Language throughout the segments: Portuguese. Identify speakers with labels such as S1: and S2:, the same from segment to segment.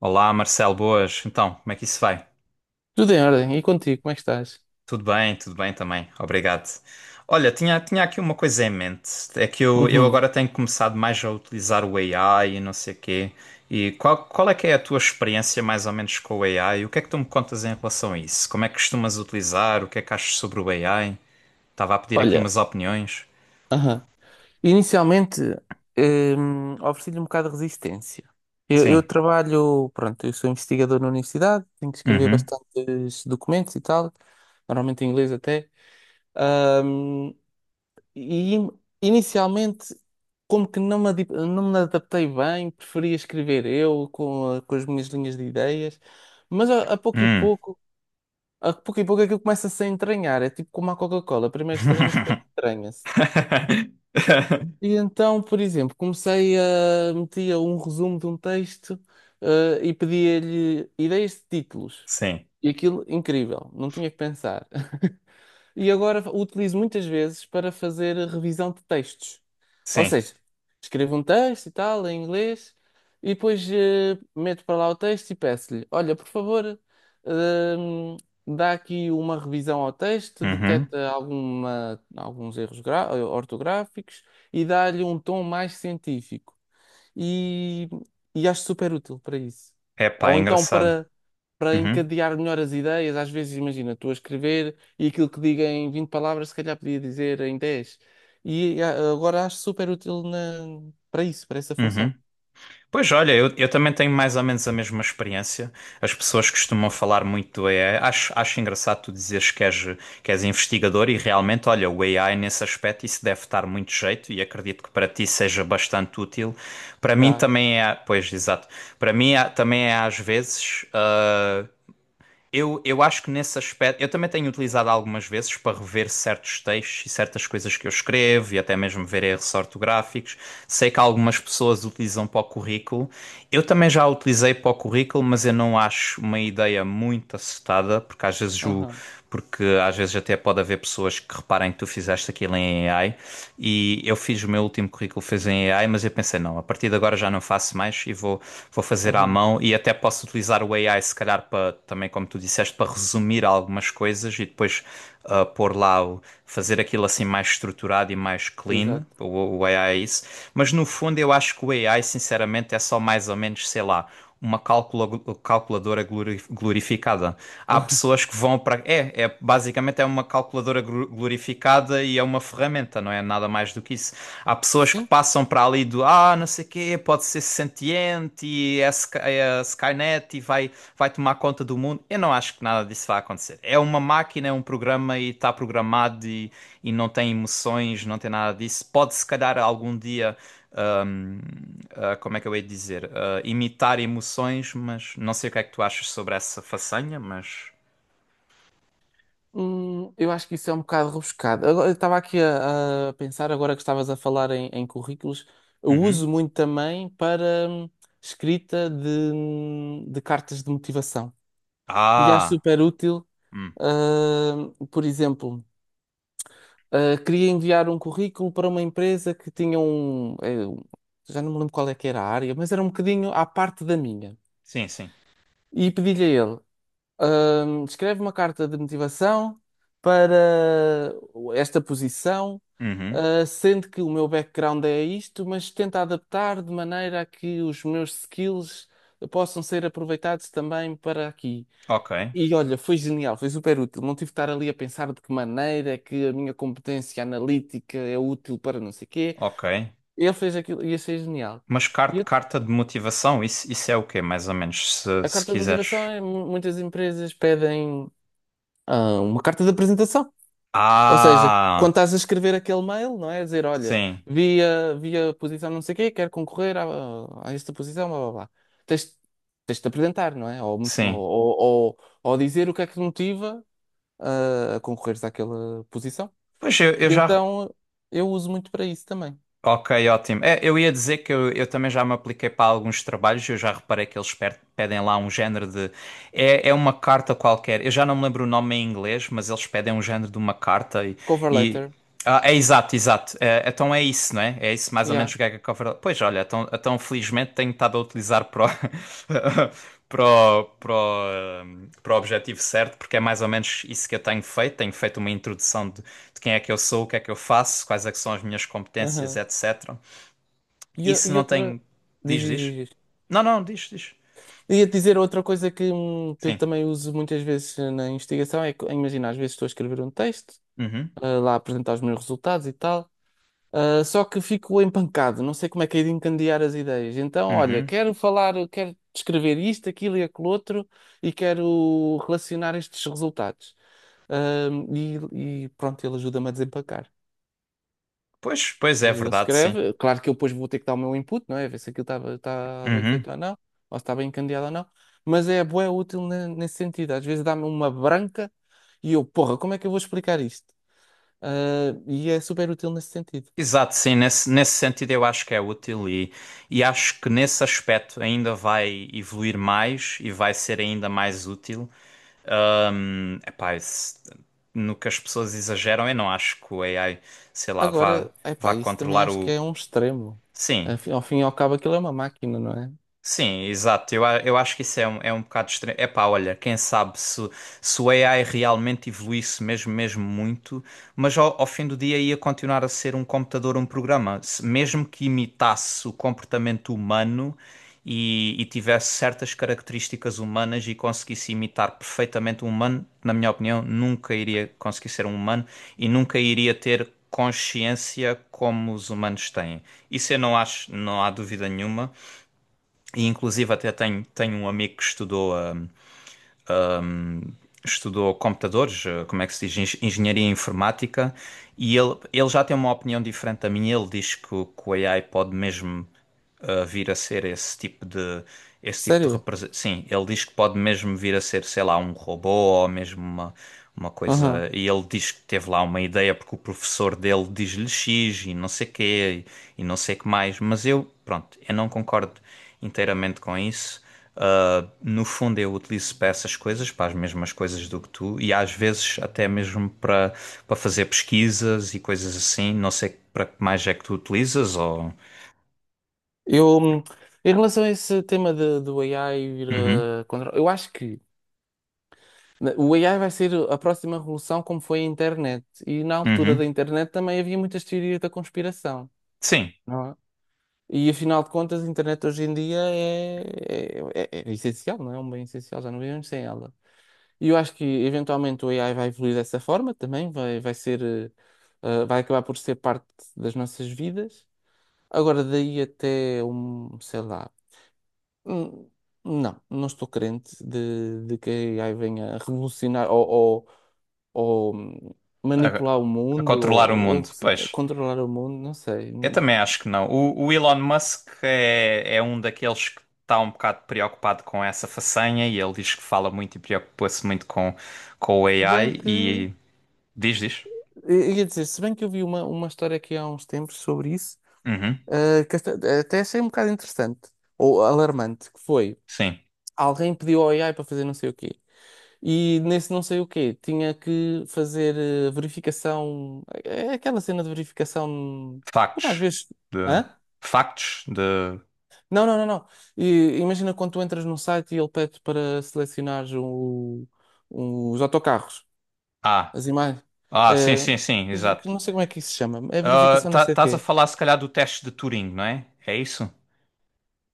S1: Olá, Marcelo, boas. Então, como é que isso vai?
S2: Tudo em ordem. E contigo, como é que estás?
S1: Tudo bem também. Obrigado. Olha, tinha aqui uma coisa em mente. É que eu
S2: Uhum.
S1: agora tenho começado mais a utilizar o AI e não sei o quê. E qual é que é a tua experiência mais ou menos com o AI? O que é que tu me contas em relação a isso? Como é que costumas utilizar? O que é que achas sobre o AI? Estava a pedir aqui
S2: Olha,
S1: umas opiniões.
S2: aham. Inicialmente, ofereci-lhe um bocado de resistência. Eu
S1: Sim.
S2: trabalho, pronto, eu sou investigador na universidade, tenho que escrever
S1: Uhum.
S2: bastantes documentos e tal, normalmente em inglês até. Hum, e inicialmente, como que não me, não me adaptei bem, preferia escrever eu com, com as minhas linhas de ideias, mas a pouco e
S1: Hum.
S2: pouco. A pouco e pouco aquilo começa-se a entranhar. É tipo como a Coca-Cola. Primeiro estranha-se, depois entranha-se. E então, por exemplo, comecei a metia um resumo de um texto, e pedia-lhe ideias de títulos.
S1: Sim,
S2: E aquilo, incrível, não tinha que pensar. E agora o utilizo muitas vezes para fazer revisão de textos. Ou
S1: sim.
S2: seja, escrevo um texto e tal, em inglês, e depois meto para lá o texto e peço-lhe: Olha, por favor, hum, dá aqui uma revisão ao texto,
S1: Uhum.
S2: detecta alguma, alguns ortográficos e dá-lhe um tom mais científico. E, e acho super útil para isso.
S1: Epá, é
S2: Ou então
S1: engraçado.
S2: para, para
S1: Uhum.
S2: encadear melhor as ideias, às vezes, imagina, estou a escrever. E aquilo que diga em 20 palavras, se calhar podia dizer em dez. Agora acho super útil para isso, para essa
S1: Uhum.
S2: função.
S1: Pois olha, eu também tenho mais ou menos a mesma experiência. As pessoas costumam falar muito do AI. Acho engraçado tu dizeres que és investigador e realmente, olha, o AI nesse aspecto isso deve estar muito jeito e acredito que para ti seja bastante útil. Para mim
S2: Dá.
S1: também é, pois exato, para mim é- também é às vezes. Eu acho que nesse aspecto, eu também tenho utilizado algumas vezes para rever certos textos e certas coisas que eu escrevo e até mesmo ver erros ortográficos. Sei que algumas pessoas utilizam para o currículo. Eu também já utilizei para o currículo, mas eu não acho uma ideia muito acertada, porque às vezes o,
S2: Aham,
S1: porque às vezes até pode haver pessoas que reparem que tu fizeste aquilo em AI. E eu fiz o meu último currículo, fez em AI, mas eu pensei, não, a partir de agora já não faço mais e vou, vou fazer à
S2: aham,
S1: mão. E até posso utilizar o AI, se calhar, para também, como tu disseste, para resumir algumas coisas e depois pôr lá, o- fazer aquilo assim mais estruturado e mais clean.
S2: exato.
S1: O AI é isso. Mas no fundo, eu acho que o AI, sinceramente, é só mais ou menos, sei lá. Uma calculadora glorificada há pessoas que vão para. É, é basicamente é uma calculadora gru- glorificada e é uma ferramenta, não é nada mais do que isso. Há pessoas que
S2: Sim.
S1: passam para ali do ah, não sei o quê, pode ser sentiente e é, Sky- é a Skynet e vai, vai tomar conta do mundo. Eu não acho que nada disso vai acontecer. É uma máquina, é um programa e está programado e não tem emoções, não tem nada disso. Pode se calhar algum dia hum, ah, como é que eu hei de dizer? Ah, imitar emoções, mas não sei o que é que tu achas sobre essa façanha, mas.
S2: Eu acho que isso é um bocado rebuscado. Agora, eu estava aqui a pensar, agora que estavas a falar em currículos, eu
S1: Uhum.
S2: uso muito também para hum, escrita de cartas de motivação. E acho
S1: Ah!
S2: super útil,
S1: hum,
S2: por exemplo. Ah, queria enviar um currículo para uma empresa que tinha um, já não me lembro qual é que era a área, mas era um bocadinho à parte da minha.
S1: Sim, sim.
S2: E pedi-lhe a ele, escreve uma carta de motivação para esta posição,
S1: Uhum.
S2: ah, sendo que o meu background é isto, mas tenta adaptar de maneira a que os meus skills possam ser aproveitados também para aqui.
S1: Ok,
S2: E olha, foi genial, foi super útil. Não tive de estar ali a pensar de que maneira é que a minha competência analítica é útil para não sei quê.
S1: ok.
S2: Ele fez aquilo e achei genial.
S1: Mas
S2: E
S1: car-
S2: a
S1: carta de motivação, isso é o quê, mais ou menos, se,
S2: a
S1: se
S2: carta de motivação
S1: quiseres?
S2: é muitas empresas pedem ah, uma carta de apresentação. Ou seja, quando
S1: Ah!
S2: estás a escrever aquele mail, não é? A dizer, olha,
S1: Sim,
S2: vi a posição não sei quê, quero concorrer a esta posição, blá blá blá. Tens, tens de te apresentar, não é? Ou, mo-
S1: sim.
S2: ou, ou dizer o que é que te motiva ah, a concorreres àquela posição.
S1: Pois eu
S2: E
S1: já.
S2: então eu uso muito para isso também.
S1: Ok, ótimo. É, eu ia dizer que eu também já me apliquei para alguns trabalhos, eu já reparei que eles per- pedem lá um género de. É, é uma carta qualquer, eu já não me lembro o nome em inglês, mas eles pedem um género de uma carta
S2: Cover
S1: e
S2: letter.
S1: ah, é exato, exato. É, então é isso, não é? É isso mais ou menos
S2: Yeah.
S1: o que é que a Cover. Pois olha, então, então felizmente tenho estado a utilizar para o, para o, para o, para o objetivo certo, porque é mais ou menos isso que eu tenho feito. Tenho feito uma introdução de quem é que eu sou, o que é que eu faço, quais é que são as minhas competências,
S2: Aham.
S1: etc.
S2: E, o-
S1: Isso
S2: e
S1: não
S2: outra.
S1: tem.
S2: Diz,
S1: Diz,
S2: diz,
S1: diz?
S2: diz.
S1: Não, não, diz, diz.
S2: Ia dizer outra coisa que eu
S1: Sim.
S2: também uso muitas vezes na investigação é que, imagina, às vezes estou a escrever um texto,
S1: Uhum,
S2: lá a apresentar os meus resultados e tal, só que fico empancado, não sei como é que é de encandear as ideias. Então, olha,
S1: uhum.
S2: quero falar, quero descrever isto, aquilo e aquilo outro e quero relacionar estes resultados. Ah, e pronto, ele ajuda-me a desempacar.
S1: Pois, pois é
S2: Ele
S1: verdade, sim.
S2: escreve, claro que eu depois vou ter que dar o meu input, não é? Ver se aquilo está bem
S1: Uhum.
S2: feito ou não, ou se está bem encandeado ou não, mas é bué útil nesse sentido. Às vezes dá-me uma branca e eu, porra, como é que eu vou explicar isto? E é super útil nesse sentido.
S1: Exato, sim, nesse, nesse sentido eu acho que é útil e acho que nesse aspecto ainda vai evoluir mais e vai ser ainda mais útil. Epá, esse- no que as pessoas exageram, eu não acho que o AI, sei lá, vá,
S2: Agora,
S1: vá
S2: epá, isso também
S1: controlar
S2: acho que
S1: o.
S2: é um extremo.
S1: Sim,
S2: Ao fim e ao cabo, aquilo é uma máquina, não é?
S1: Sim, exato. Eu, a- eu acho que isso é um bocado estranho. Epá, olha, quem sabe se, se o AI realmente evoluísse mesmo, mesmo muito, mas ao, ao fim do dia ia continuar a ser um computador, um programa. Se- mesmo que imitasse o comportamento humano e tivesse certas características humanas e conseguisse imitar perfeitamente um humano, na minha opinião, nunca iria conseguir ser um humano e nunca iria ter consciência como os humanos têm. Isso eu não acho, não há dúvida nenhuma. E inclusive até tenho, tenho um amigo que estudou, estudou computadores, eh, como é que se diz, Eng- engenharia informática, e ele já tem uma opinião diferente da minha. Ele diz que o AI pode mesmo eh, vir a ser esse tipo de
S2: Sério?
S1: representação. Sim, ele diz que pode mesmo vir a ser, sei lá, um robô ou mesmo uma
S2: Aham.
S1: coisa. E ele diz que teve lá uma ideia porque o professor dele diz-lhe X e não sei quê e não sei que mais. Mas eu, pronto, eu não concordo inteiramente com isso. No fundo, eu utilizo para essas coisas, para as mesmas coisas do que tu, e às vezes até mesmo para, para fazer pesquisas e coisas assim. Não sei para que mais é que tu utilizas, ou.
S2: Eu, em relação a esse do AI vir
S1: Uhum,
S2: a controlar, eu acho que. O AI vai ser a próxima revolução, como foi a internet. E na altura da
S1: uhum.
S2: internet também havia muitas teorias da conspiração,
S1: Sim,
S2: não é? E afinal de contas, a internet hoje em dia é essencial, não é? É um bem essencial, já não vivemos sem ela. E eu acho que eventualmente o AI vai evoluir dessa forma também, vai ser, vai acabar por ser parte das nossas vidas. Agora, daí até um, sei lá. hum, Não, não estou crente de que a AI venha a revolucionar ou, ou
S1: a,
S2: manipular o
S1: a
S2: mundo,
S1: controlar o
S2: ou,
S1: mundo,
S2: ou se-
S1: pois.
S2: controlar o mundo, não sei.
S1: Eu também acho que não. O Elon Musk é, é um daqueles que está um bocado preocupado com essa façanha e ele diz que fala muito e preocupa-se muito com o
S2: Se bem
S1: AI
S2: que, eu
S1: e diz, diz.
S2: ia dizer, se bem que eu vi uma história aqui há uns tempos sobre isso,
S1: Uhum,
S2: ah, que esta- até achei um bocado interessante, ou alarmante, que foi,
S1: sim.
S2: alguém pediu ao AI para fazer não sei o quê. E nesse não sei o quê, tinha que fazer verificação, é aquela cena de verificação, como às
S1: Factos.
S2: vezes.
S1: De...
S2: Hã?
S1: Factos de.
S2: Não. E, imagina quando tu entras num site e ele pede para selecionares os autocarros,
S1: Ah.
S2: as imagens.
S1: Ah, sim,
S2: Eh,
S1: sim, sim, exato.
S2: não sei como é que isso se chama. É
S1: Ah,
S2: verificação não
S1: tá,
S2: sei de
S1: estás a
S2: quê.
S1: falar se calhar do teste de Turing, não é? É isso?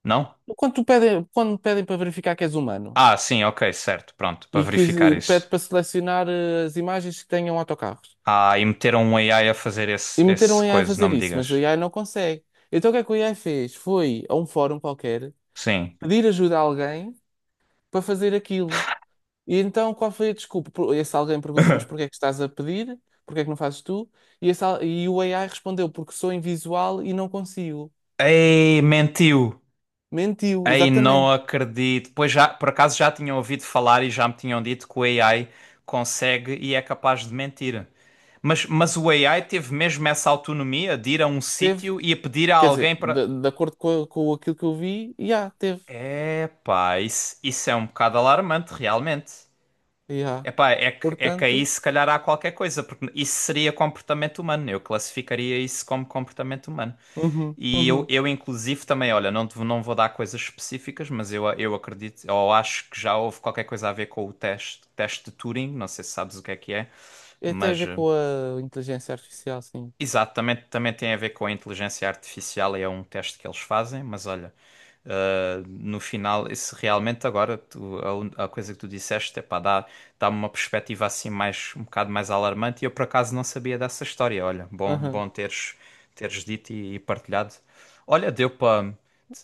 S1: Não?
S2: Quando pedem para verificar que és humano
S1: Ah, sim, ok, certo, pronto, para
S2: e que
S1: verificar
S2: pede
S1: isso.
S2: para selecionar as imagens que tenham autocarros.
S1: Ah, e meteram um AI a fazer
S2: E
S1: esse,
S2: meteram o
S1: esse
S2: AI a
S1: coisa, não
S2: fazer
S1: me
S2: isso, mas o
S1: digas.
S2: AI não consegue. Então o que é que o AI fez? Foi a um fórum qualquer
S1: Sim.
S2: pedir ajuda a alguém para fazer aquilo. E então, qual foi a desculpa? Esse alguém perguntou, mas porquê é que estás a pedir? Porquê é que não fazes tu? E o AI respondeu, porque sou invisual e não consigo.
S1: Ei, mentiu!
S2: Mentiu,
S1: Ei, não
S2: exatamente.
S1: acredito. Pois já, por acaso já tinham ouvido falar e já me tinham dito que o AI consegue e é capaz de mentir. Mas o AI teve mesmo essa autonomia de ir a um
S2: Teve.
S1: sítio e a pedir a
S2: Quer
S1: alguém
S2: dizer,
S1: para.
S2: de acordo com aquilo que eu vi, já, teve.
S1: Epá, isso é um bocado alarmante, realmente.
S2: Já.
S1: Epá, é que aí
S2: Portanto,
S1: se calhar há qualquer coisa, porque isso seria comportamento humano. Eu classificaria isso como comportamento humano.
S2: uhum,
S1: E eu,
S2: uhum.
S1: eu inclusive também, olha, não, te- não vou dar coisas específicas, mas eu acredito, ou acho que já houve qualquer coisa a ver com o teste, teste de Turing, não sei se sabes o que é,
S2: É, tem a
S1: mas
S2: ver
S1: eh,
S2: com a inteligência artificial, sim.
S1: Exato, também, também tem a ver com a inteligência artificial e é um teste que eles fazem, mas olha, no final, isso realmente agora tu- a, un- a coisa que tu disseste, é pá, dá, dá-me uma perspectiva assim mais, um bocado mais alarmante e eu por acaso não sabia dessa história, olha, bom,
S2: Aham,
S1: bom teres, teres dito e partilhado. Olha, deu para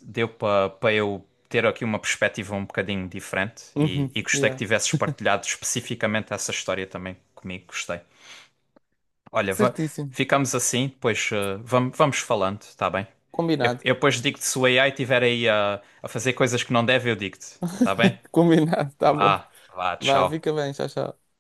S1: deu para para eu ter aqui uma perspectiva um bocadinho diferente
S2: uhum,
S1: e gostei que
S2: já.
S1: tivesses partilhado especificamente essa história também comigo, gostei. Olha, va-
S2: Certíssimo.
S1: ficamos assim, depois vamos, vamos falando, tá bem? Eu,
S2: Combinado.
S1: eu depois digo-te se o AI estiver aí a fazer coisas que não deve, eu digo-te, tá bem?
S2: Combinado, tá bom.
S1: Vá, vá,
S2: Vá,
S1: tchau.
S2: fica bem, tchau, tchau.